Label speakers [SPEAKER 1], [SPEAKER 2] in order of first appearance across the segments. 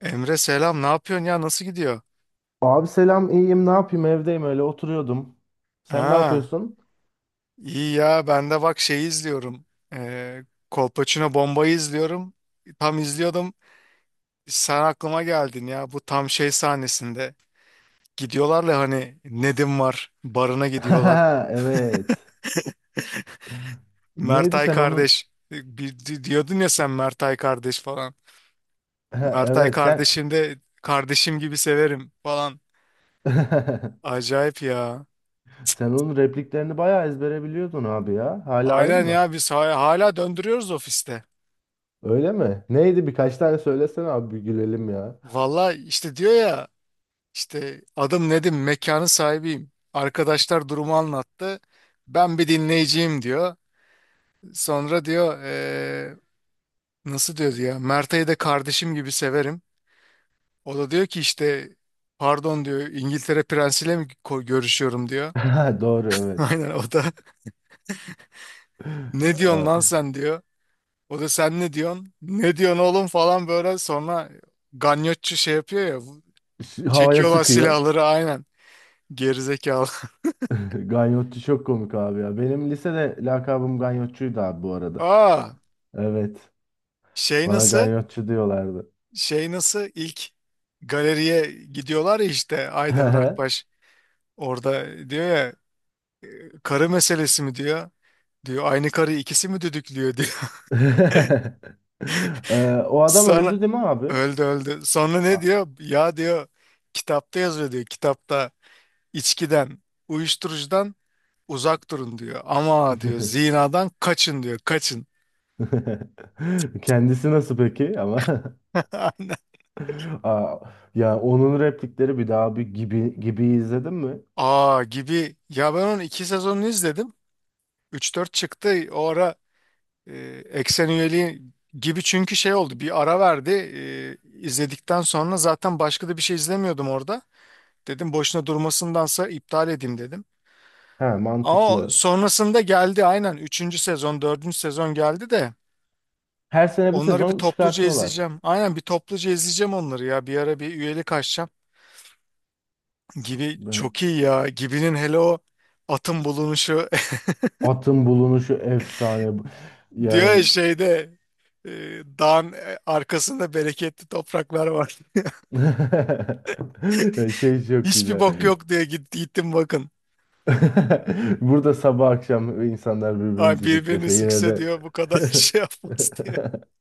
[SPEAKER 1] Emre selam ne yapıyorsun ya nasıl gidiyor?
[SPEAKER 2] Abi selam iyiyim ne yapayım evdeyim öyle oturuyordum. Sen ne
[SPEAKER 1] Ha
[SPEAKER 2] yapıyorsun?
[SPEAKER 1] iyi ya ben de bak şeyi izliyorum. Ee, Kolpaçino Bomba'yı izliyorum. Tam izliyordum sen aklıma geldin ya bu tam şey sahnesinde. Gidiyorlar ya hani Nedim var barına gidiyorlar.
[SPEAKER 2] Evet. Neydi
[SPEAKER 1] Mertay
[SPEAKER 2] sen onun
[SPEAKER 1] kardeş bir, diyordun ya sen Mertay kardeş falan. Mertay
[SPEAKER 2] evet sen
[SPEAKER 1] kardeşim de kardeşim gibi severim falan. Acayip ya.
[SPEAKER 2] sen onun repliklerini bayağı ezbere biliyordun abi ya. Hala aynı
[SPEAKER 1] Aynen
[SPEAKER 2] mı?
[SPEAKER 1] ya biz hala döndürüyoruz ofiste.
[SPEAKER 2] Öyle mi? Neydi birkaç tane söylesene abi bir gülelim ya.
[SPEAKER 1] Valla işte diyor ya İşte adım Nedim, mekanın sahibiyim. Arkadaşlar durumu anlattı. Ben bir dinleyiciyim diyor. Sonra diyor nasıl diyor ya Mert'e de kardeşim gibi severim. O da diyor ki işte pardon diyor İngiltere prensiyle mi görüşüyorum diyor.
[SPEAKER 2] Doğru evet.
[SPEAKER 1] Aynen o da ne diyorsun
[SPEAKER 2] Ay,
[SPEAKER 1] lan sen diyor. O da sen ne diyorsun? Ne diyorsun oğlum falan böyle sonra ganyotçu şey yapıyor ya
[SPEAKER 2] şu havaya
[SPEAKER 1] çekiyorlar
[SPEAKER 2] sıkıyor.
[SPEAKER 1] silahları aynen gerizekalı.
[SPEAKER 2] Ganyotçu çok komik abi ya. Benim lisede lakabım Ganyotçuydu abi bu arada.
[SPEAKER 1] Aa
[SPEAKER 2] Evet.
[SPEAKER 1] şey
[SPEAKER 2] Bana
[SPEAKER 1] nasıl?
[SPEAKER 2] Ganyotçu diyorlardı.
[SPEAKER 1] Şey nasıl ilk galeriye gidiyorlar ya işte Aydem Rakbaş orada diyor ya karı meselesi mi diyor. Diyor aynı karıyı ikisi mi düdüklüyor diyor.
[SPEAKER 2] O adam
[SPEAKER 1] Sonra
[SPEAKER 2] öldü değil mi abi?
[SPEAKER 1] öldü öldü. Sonra ne
[SPEAKER 2] Ah.
[SPEAKER 1] diyor? Ya diyor kitapta yazıyor diyor. Kitapta içkiden, uyuşturucudan uzak durun diyor. Ama diyor zinadan kaçın diyor. Kaçın.
[SPEAKER 2] Kendisi nasıl peki ama?
[SPEAKER 1] Aynen.
[SPEAKER 2] Aa, ya onun replikleri bir daha bir gibi gibi izledin mi?
[SPEAKER 1] Aa gibi. Ya ben onun iki sezonunu izledim. Üç dört çıktı. O ara e, eksen üyeliği gibi çünkü şey oldu bir ara verdi. İzledikten sonra zaten başka da bir şey izlemiyordum orada dedim boşuna durmasındansa iptal edeyim dedim
[SPEAKER 2] He
[SPEAKER 1] ama o
[SPEAKER 2] mantıklı.
[SPEAKER 1] sonrasında geldi aynen üçüncü sezon dördüncü sezon geldi de
[SPEAKER 2] Her sene bir
[SPEAKER 1] onları bir
[SPEAKER 2] sezon
[SPEAKER 1] topluca
[SPEAKER 2] çıkartıyorlar.
[SPEAKER 1] izleyeceğim aynen bir topluca izleyeceğim onları ya bir ara bir üyelik açacağım gibi
[SPEAKER 2] Ben-
[SPEAKER 1] çok iyi ya gibinin hele o atın bulunuşu.
[SPEAKER 2] Atın bulunuşu efsane. Bu-
[SPEAKER 1] Diyor ya
[SPEAKER 2] Yani
[SPEAKER 1] şeyde e, dağın arkasında bereketli topraklar var
[SPEAKER 2] şey çok
[SPEAKER 1] hiçbir
[SPEAKER 2] güzel.
[SPEAKER 1] bok yok diye gittim bakın.
[SPEAKER 2] Burada sabah akşam insanlar birbirini
[SPEAKER 1] Ay birbirini
[SPEAKER 2] düdüklese yine
[SPEAKER 1] sikse
[SPEAKER 2] de
[SPEAKER 1] diyor bu kadar şey yapmaz diyor.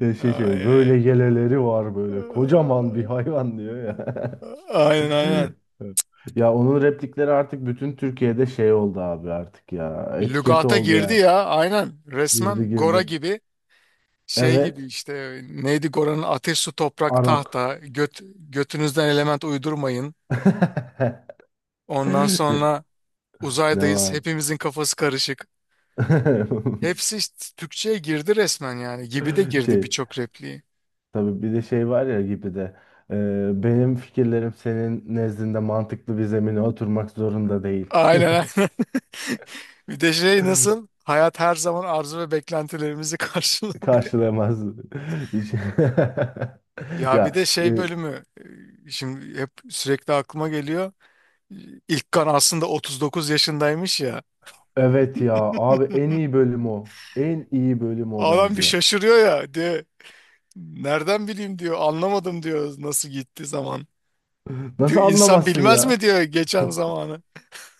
[SPEAKER 2] Ya şey
[SPEAKER 1] Ay
[SPEAKER 2] şey
[SPEAKER 1] ay ay.
[SPEAKER 2] böyle yeleleri var böyle kocaman bir hayvan diyor ya.
[SPEAKER 1] Aynen aynen.
[SPEAKER 2] Ya onun replikleri artık bütün Türkiye'de şey oldu abi artık ya. Etiketi
[SPEAKER 1] Lügata
[SPEAKER 2] oldu
[SPEAKER 1] girdi
[SPEAKER 2] yani.
[SPEAKER 1] ya aynen
[SPEAKER 2] Girdi
[SPEAKER 1] resmen Gora
[SPEAKER 2] girdi.
[SPEAKER 1] gibi şey gibi
[SPEAKER 2] Evet.
[SPEAKER 1] işte neydi Gora'nın ateş su toprak
[SPEAKER 2] Arok.
[SPEAKER 1] tahta götünüzden element uydurmayın. Ondan sonra
[SPEAKER 2] Ne
[SPEAKER 1] uzaydayız
[SPEAKER 2] var?
[SPEAKER 1] hepimizin kafası karışık. Hepsi işte Türkçe'ye girdi resmen yani gibi de girdi
[SPEAKER 2] Şey
[SPEAKER 1] birçok repliği.
[SPEAKER 2] tabii bir de şey var ya gibi de benim fikirlerim senin nezdinde mantıklı bir zemine oturmak zorunda değil.
[SPEAKER 1] Aynen aynen. Bir de şey nasıl? Hayat her zaman arzu ve beklentilerimizi karşılıyor.
[SPEAKER 2] Karşılayamaz. Hiç-
[SPEAKER 1] Ya bir
[SPEAKER 2] Ya
[SPEAKER 1] de şey
[SPEAKER 2] e,
[SPEAKER 1] bölümü şimdi hep sürekli aklıma geliyor. İlk kan aslında 39 yaşındaymış ya.
[SPEAKER 2] evet ya abi en iyi bölüm o. En iyi bölüm o
[SPEAKER 1] Adam bir
[SPEAKER 2] bence.
[SPEAKER 1] şaşırıyor ya diyor. Nereden bileyim diyor. Anlamadım diyor nasıl gitti zaman. Diyor
[SPEAKER 2] Nasıl
[SPEAKER 1] insan
[SPEAKER 2] anlamazsın
[SPEAKER 1] bilmez mi
[SPEAKER 2] ya?
[SPEAKER 1] diyor geçen zamanı.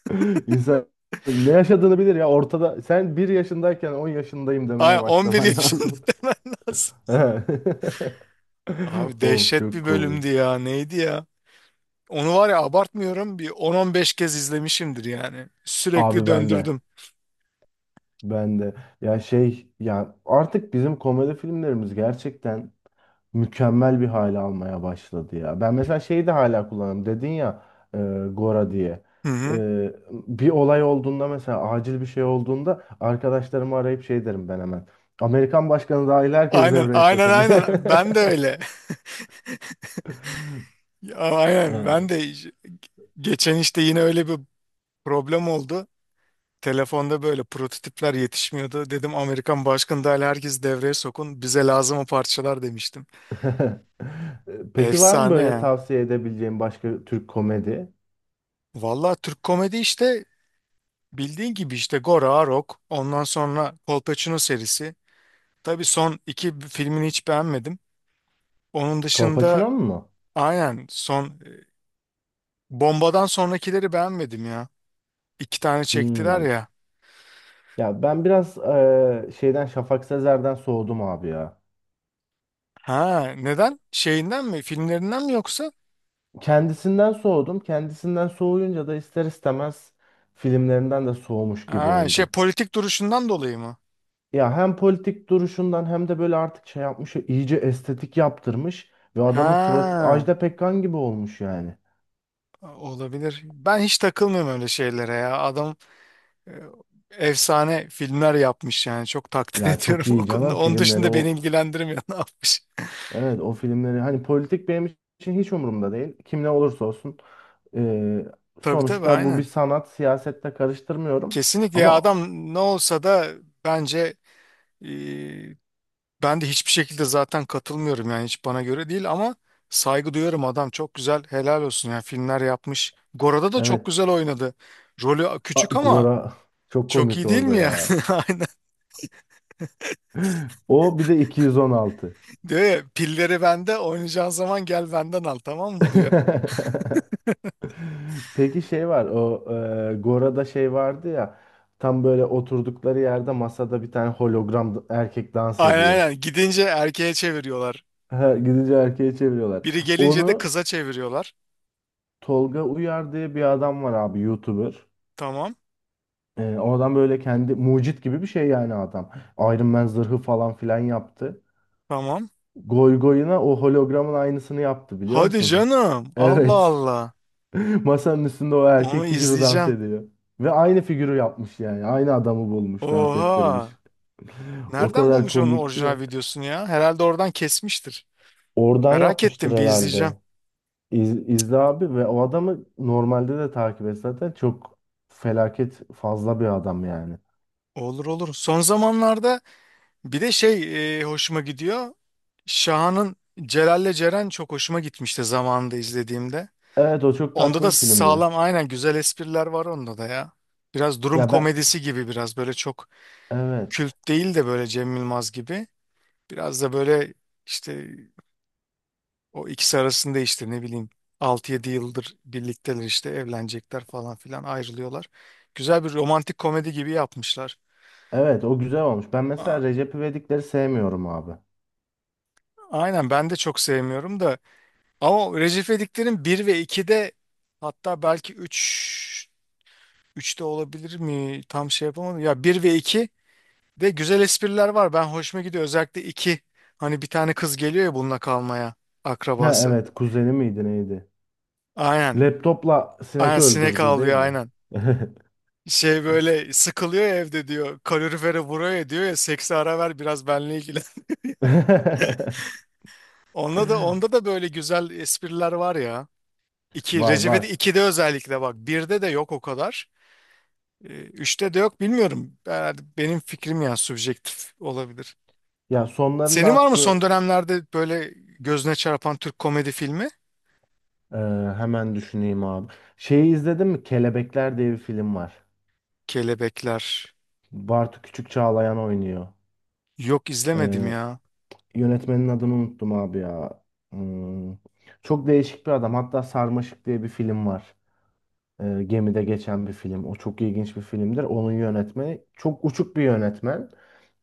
[SPEAKER 2] İnsan ne yaşadığını bilir ya ortada. Sen bir yaşındayken 10 yaşındayım
[SPEAKER 1] Ay
[SPEAKER 2] demeye
[SPEAKER 1] 11
[SPEAKER 2] başlaman
[SPEAKER 1] yaşında
[SPEAKER 2] lazım.
[SPEAKER 1] demen lazım. Abi
[SPEAKER 2] Of
[SPEAKER 1] dehşet
[SPEAKER 2] çok
[SPEAKER 1] bir
[SPEAKER 2] komik.
[SPEAKER 1] bölümdü ya. Neydi ya? Onu var ya abartmıyorum bir 10-15 kez izlemişimdir yani. Sürekli
[SPEAKER 2] Abi ben de.
[SPEAKER 1] döndürdüm.
[SPEAKER 2] Ben de. Ya şey ya artık bizim komedi filmlerimiz gerçekten mükemmel bir hale almaya başladı ya. Ben mesela şeyi de hala kullanıyorum. Dedin ya e, Gora diye.
[SPEAKER 1] Hı hı.
[SPEAKER 2] E, bir olay olduğunda mesela acil bir şey olduğunda arkadaşlarımı arayıp şey derim ben hemen. Amerikan başkanı dahil herkes
[SPEAKER 1] Aynen
[SPEAKER 2] devreye
[SPEAKER 1] aynen
[SPEAKER 2] sokun diye.
[SPEAKER 1] aynen ben de öyle. Ya, aynen ben
[SPEAKER 2] E,
[SPEAKER 1] de geçen işte yine öyle bir problem oldu. Telefonda böyle prototipler yetişmiyordu. Dedim Amerikan başkanı dahil herkes devreye sokun bize lazım o parçalar demiştim.
[SPEAKER 2] Peki var mı
[SPEAKER 1] Efsane
[SPEAKER 2] böyle
[SPEAKER 1] ya.
[SPEAKER 2] tavsiye edebileceğim başka Türk komedi?
[SPEAKER 1] Valla Türk komedi işte bildiğin gibi işte Gora, Rock ondan sonra Kolpaçino serisi. Tabii son iki filmini hiç beğenmedim. Onun dışında
[SPEAKER 2] Kolpaçino'nun mu?
[SPEAKER 1] aynen son Bomba'dan sonrakileri beğenmedim ya. İki tane çektiler
[SPEAKER 2] Hmm.
[SPEAKER 1] ya.
[SPEAKER 2] Ya ben biraz şeyden Şafak Sezer'den soğudum abi ya.
[SPEAKER 1] Ha, neden? Şeyinden mi? Filmlerinden mi yoksa?
[SPEAKER 2] Kendisinden soğudum. Kendisinden soğuyunca da ister istemez filmlerinden de soğumuş gibi
[SPEAKER 1] Ha, şey
[SPEAKER 2] oldum.
[SPEAKER 1] politik duruşundan dolayı mı?
[SPEAKER 2] Ya hem politik duruşundan hem de böyle artık şey yapmış, iyice estetik yaptırmış ve adamın suratı
[SPEAKER 1] Ha,
[SPEAKER 2] Ajda Pekkan gibi olmuş yani.
[SPEAKER 1] olabilir. Ben hiç takılmıyorum öyle şeylere ya. Adam e, efsane filmler yapmış yani. Çok takdir
[SPEAKER 2] Ya
[SPEAKER 1] ediyorum
[SPEAKER 2] çok
[SPEAKER 1] o
[SPEAKER 2] iyi
[SPEAKER 1] konuda.
[SPEAKER 2] canım
[SPEAKER 1] Onun
[SPEAKER 2] filmleri
[SPEAKER 1] dışında beni
[SPEAKER 2] o.
[SPEAKER 1] ilgilendirmiyor ne yapmış.
[SPEAKER 2] Evet o filmleri hani politik benim için hiç umurumda değil. Kim ne olursa olsun. Ee,
[SPEAKER 1] Tabii tabii
[SPEAKER 2] sonuçta bu bir
[SPEAKER 1] aynen.
[SPEAKER 2] sanat, siyasette karıştırmıyorum.
[SPEAKER 1] Kesinlikle ya
[SPEAKER 2] Ama
[SPEAKER 1] adam ne olsa da bence. Ben de hiçbir şekilde zaten katılmıyorum yani hiç bana göre değil ama saygı duyarım adam çok güzel helal olsun yani filmler yapmış. Gora'da da çok
[SPEAKER 2] evet
[SPEAKER 1] güzel oynadı. Rolü
[SPEAKER 2] A-
[SPEAKER 1] küçük ama
[SPEAKER 2] Gora çok
[SPEAKER 1] çok
[SPEAKER 2] komik
[SPEAKER 1] iyi değil mi
[SPEAKER 2] orada
[SPEAKER 1] ya?
[SPEAKER 2] ya.
[SPEAKER 1] Aynen
[SPEAKER 2] O bir de 216.
[SPEAKER 1] diyor ya pilleri bende oynayacağın zaman gel benden al tamam mı diyor.
[SPEAKER 2] Peki şey var o Gora'da şey vardı ya tam böyle oturdukları yerde masada bir tane hologram da- erkek dans
[SPEAKER 1] Aynen
[SPEAKER 2] ediyor.
[SPEAKER 1] aynen gidince erkeğe çeviriyorlar.
[SPEAKER 2] Ha, gidince erkeğe çeviriyorlar.
[SPEAKER 1] Biri gelince de
[SPEAKER 2] Onu
[SPEAKER 1] kıza çeviriyorlar.
[SPEAKER 2] Tolga Uyar diye bir adam var abi YouTuber.
[SPEAKER 1] Tamam
[SPEAKER 2] E, o adam böyle kendi mucit gibi bir şey yani adam. Iron Man zırhı falan filan yaptı.
[SPEAKER 1] tamam.
[SPEAKER 2] Goy goyuna o hologramın aynısını yaptı biliyor
[SPEAKER 1] Hadi
[SPEAKER 2] musun?
[SPEAKER 1] canım Allah
[SPEAKER 2] Evet.
[SPEAKER 1] Allah
[SPEAKER 2] Masanın üstünde o erkek
[SPEAKER 1] onu
[SPEAKER 2] figürü dans
[SPEAKER 1] izleyeceğim.
[SPEAKER 2] ediyor. Ve aynı figürü yapmış yani. Aynı adamı bulmuş, dans
[SPEAKER 1] Oha.
[SPEAKER 2] ettirmiş. O
[SPEAKER 1] Nereden
[SPEAKER 2] kadar
[SPEAKER 1] bulmuş onun
[SPEAKER 2] komikti ya.
[SPEAKER 1] orijinal videosunu ya? Herhalde oradan kesmiştir.
[SPEAKER 2] Oradan
[SPEAKER 1] Merak
[SPEAKER 2] yapmıştır
[SPEAKER 1] ettim bir izleyeceğim.
[SPEAKER 2] herhalde. İz, İzle abi ve o adamı normalde de takip et zaten. Çok felaket fazla bir adam yani.
[SPEAKER 1] Olur olur. Son zamanlarda bir de şey hoşuma gidiyor. Şahan'ın Celal'le Ceren çok hoşuma gitmişti zamanında izlediğimde.
[SPEAKER 2] Evet o çok
[SPEAKER 1] Onda
[SPEAKER 2] tatlı
[SPEAKER 1] da
[SPEAKER 2] bir filmdi.
[SPEAKER 1] sağlam aynen güzel espriler var onda da ya. Biraz durum
[SPEAKER 2] Ya ben
[SPEAKER 1] komedisi gibi biraz böyle çok
[SPEAKER 2] evet.
[SPEAKER 1] kült değil de böyle Cem Yılmaz gibi. Biraz da böyle işte o ikisi arasında işte ne bileyim altı yedi yıldır birlikteler işte evlenecekler falan filan ayrılıyorlar. Güzel bir romantik komedi gibi yapmışlar.
[SPEAKER 2] Evet o güzel olmuş. Ben mesela Recep İvedik'leri sevmiyorum abi.
[SPEAKER 1] Aynen ben de çok sevmiyorum da ama Recep İvedik'lerin 1 ve 2'de hatta belki 3 3'te olabilir mi? Tam şey yapamadım. Ya bir ve 2 de güzel espriler var. Ben hoşuma gidiyor. Özellikle 2 hani bir tane kız geliyor ya bununla kalmaya
[SPEAKER 2] Ha
[SPEAKER 1] akrabası.
[SPEAKER 2] evet kuzeni miydi neydi?
[SPEAKER 1] Aynen.
[SPEAKER 2] Laptopla
[SPEAKER 1] Aynen
[SPEAKER 2] sinek
[SPEAKER 1] sinek
[SPEAKER 2] öldürdü değil
[SPEAKER 1] avlıyor
[SPEAKER 2] mi?
[SPEAKER 1] aynen. Şey böyle sıkılıyor ya evde diyor. Kalorifere vuruyor ya diyor ya seksi ara ver biraz benle ilgili. Onda da böyle güzel espriler var ya. İki,
[SPEAKER 2] Var
[SPEAKER 1] Recep İvedik
[SPEAKER 2] var.
[SPEAKER 1] 2'de özellikle bak. Birde de yok o kadar. Üçte de yok bilmiyorum. Herhalde benim fikrim ya subjektif olabilir.
[SPEAKER 2] Ya sonlarında
[SPEAKER 1] Senin var
[SPEAKER 2] artık
[SPEAKER 1] mı
[SPEAKER 2] böyle
[SPEAKER 1] son dönemlerde böyle gözüne çarpan Türk komedi filmi?
[SPEAKER 2] e, hemen düşüneyim abi. Şeyi izledin mi? Kelebekler diye bir film var.
[SPEAKER 1] Kelebekler.
[SPEAKER 2] Bartu Küçük Çağlayan oynuyor.
[SPEAKER 1] Yok izlemedim
[SPEAKER 2] E,
[SPEAKER 1] ya.
[SPEAKER 2] yönetmenin adını unuttum abi ya. Hmm. Çok değişik bir adam. Hatta Sarmaşık diye bir film var. Gemide geçen bir film. O çok ilginç bir filmdir. Onun yönetmeni çok uçuk bir yönetmen.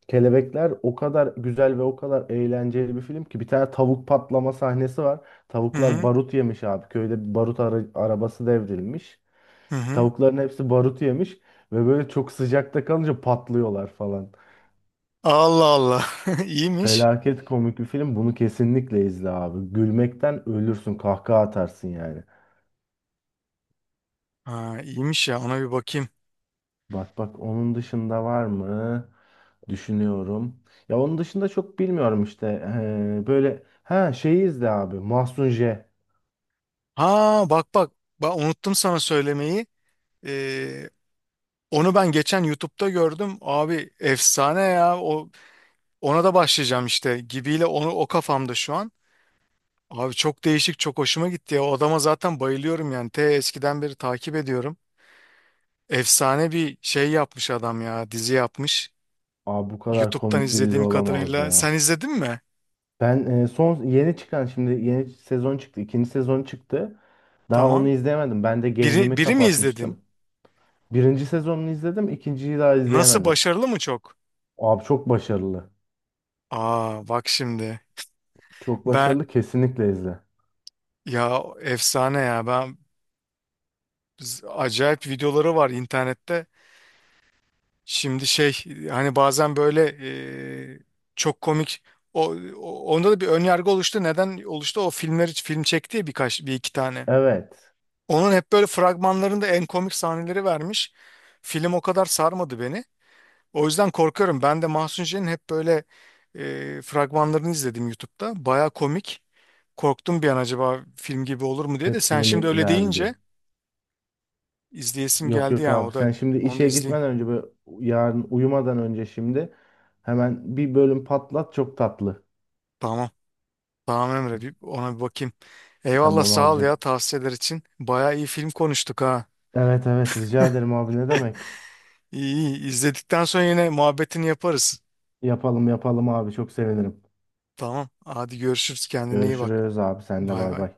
[SPEAKER 2] Kelebekler o kadar güzel ve o kadar eğlenceli bir film ki bir tane tavuk patlama sahnesi var.
[SPEAKER 1] Hı
[SPEAKER 2] Tavuklar
[SPEAKER 1] hı.
[SPEAKER 2] barut yemiş abi. Köyde bir barut ara- arabası devrilmiş.
[SPEAKER 1] Hı hı.
[SPEAKER 2] Tavukların hepsi barut yemiş ve böyle çok sıcakta kalınca patlıyorlar falan.
[SPEAKER 1] Allah Allah. İyiymiş.
[SPEAKER 2] Felaket komik bir film. Bunu kesinlikle izle abi. Gülmekten ölürsün, kahkaha atarsın yani.
[SPEAKER 1] Ha, iyiymiş ya ona bir bakayım.
[SPEAKER 2] Bak bak onun dışında var mı? Düşünüyorum. Ya onun dışında çok bilmiyorum işte. Böyle ha şeyi izle abi. Mahsun J.
[SPEAKER 1] Ha bak bak. Unuttum sana söylemeyi. Ee, onu ben geçen YouTube'da gördüm. Abi efsane ya. Ona da başlayacağım işte gibiyle onu o kafamda şu an. Abi çok değişik çok hoşuma gitti ya. O adama zaten bayılıyorum yani. Te eskiden beri takip ediyorum. Efsane bir şey yapmış adam ya. Dizi yapmış.
[SPEAKER 2] Aa, bu kadar
[SPEAKER 1] YouTube'dan
[SPEAKER 2] komik bir dizi
[SPEAKER 1] izlediğim
[SPEAKER 2] olamaz
[SPEAKER 1] kadarıyla.
[SPEAKER 2] ya.
[SPEAKER 1] Sen izledin mi?
[SPEAKER 2] Ben son yeni çıkan şimdi yeni sezon çıktı. İkinci sezon çıktı. Daha onu
[SPEAKER 1] Tamam.
[SPEAKER 2] izleyemedim. Ben de
[SPEAKER 1] Biri,
[SPEAKER 2] gain'imi
[SPEAKER 1] biri mi izledin?
[SPEAKER 2] kapatmıştım. Birinci sezonunu izledim. İkinciyi daha
[SPEAKER 1] Nasıl
[SPEAKER 2] izleyemedim.
[SPEAKER 1] başarılı mı çok?
[SPEAKER 2] Abi çok başarılı.
[SPEAKER 1] Aa bak şimdi.
[SPEAKER 2] Çok
[SPEAKER 1] Ben
[SPEAKER 2] başarılı. Kesinlikle izle.
[SPEAKER 1] ya efsane ya. Ben acayip videoları var internette. Şimdi şey hani bazen böyle e, çok komik onda da bir ön yargı oluştu. Neden oluştu? O filmleri film çekti ya birkaç bir iki tane.
[SPEAKER 2] Evet.
[SPEAKER 1] Onun hep böyle fragmanlarında en komik sahneleri vermiş. Film o kadar sarmadı beni. O yüzden korkuyorum. Ben de Mahsun C'nin hep böyle fragmanlarını izledim YouTube'da. Baya komik. Korktum bir an acaba film gibi olur mu diye de sen
[SPEAKER 2] Hepsini
[SPEAKER 1] şimdi
[SPEAKER 2] mi
[SPEAKER 1] öyle
[SPEAKER 2] verdi diye.
[SPEAKER 1] deyince izleyesim
[SPEAKER 2] Yok
[SPEAKER 1] geldi
[SPEAKER 2] yok
[SPEAKER 1] ya
[SPEAKER 2] abi
[SPEAKER 1] o da
[SPEAKER 2] sen şimdi
[SPEAKER 1] onu da
[SPEAKER 2] işe
[SPEAKER 1] izleyeyim.
[SPEAKER 2] gitmeden önce böyle yarın uyumadan önce şimdi hemen bir bölüm patlat çok tatlı.
[SPEAKER 1] Tamam. Tamam Emre bir ona bir bakayım. Eyvallah
[SPEAKER 2] Tamam
[SPEAKER 1] sağ ol
[SPEAKER 2] abicim.
[SPEAKER 1] ya tavsiyeler için. Baya iyi film konuştuk ha.
[SPEAKER 2] Evet evet rica ederim abi ne demek.
[SPEAKER 1] İyi iyi izledikten sonra yine muhabbetini yaparız.
[SPEAKER 2] Yapalım yapalım abi çok sevinirim.
[SPEAKER 1] Tamam hadi görüşürüz kendine iyi bak.
[SPEAKER 2] Görüşürüz abi sen de
[SPEAKER 1] Bay
[SPEAKER 2] bay
[SPEAKER 1] bay.
[SPEAKER 2] bay.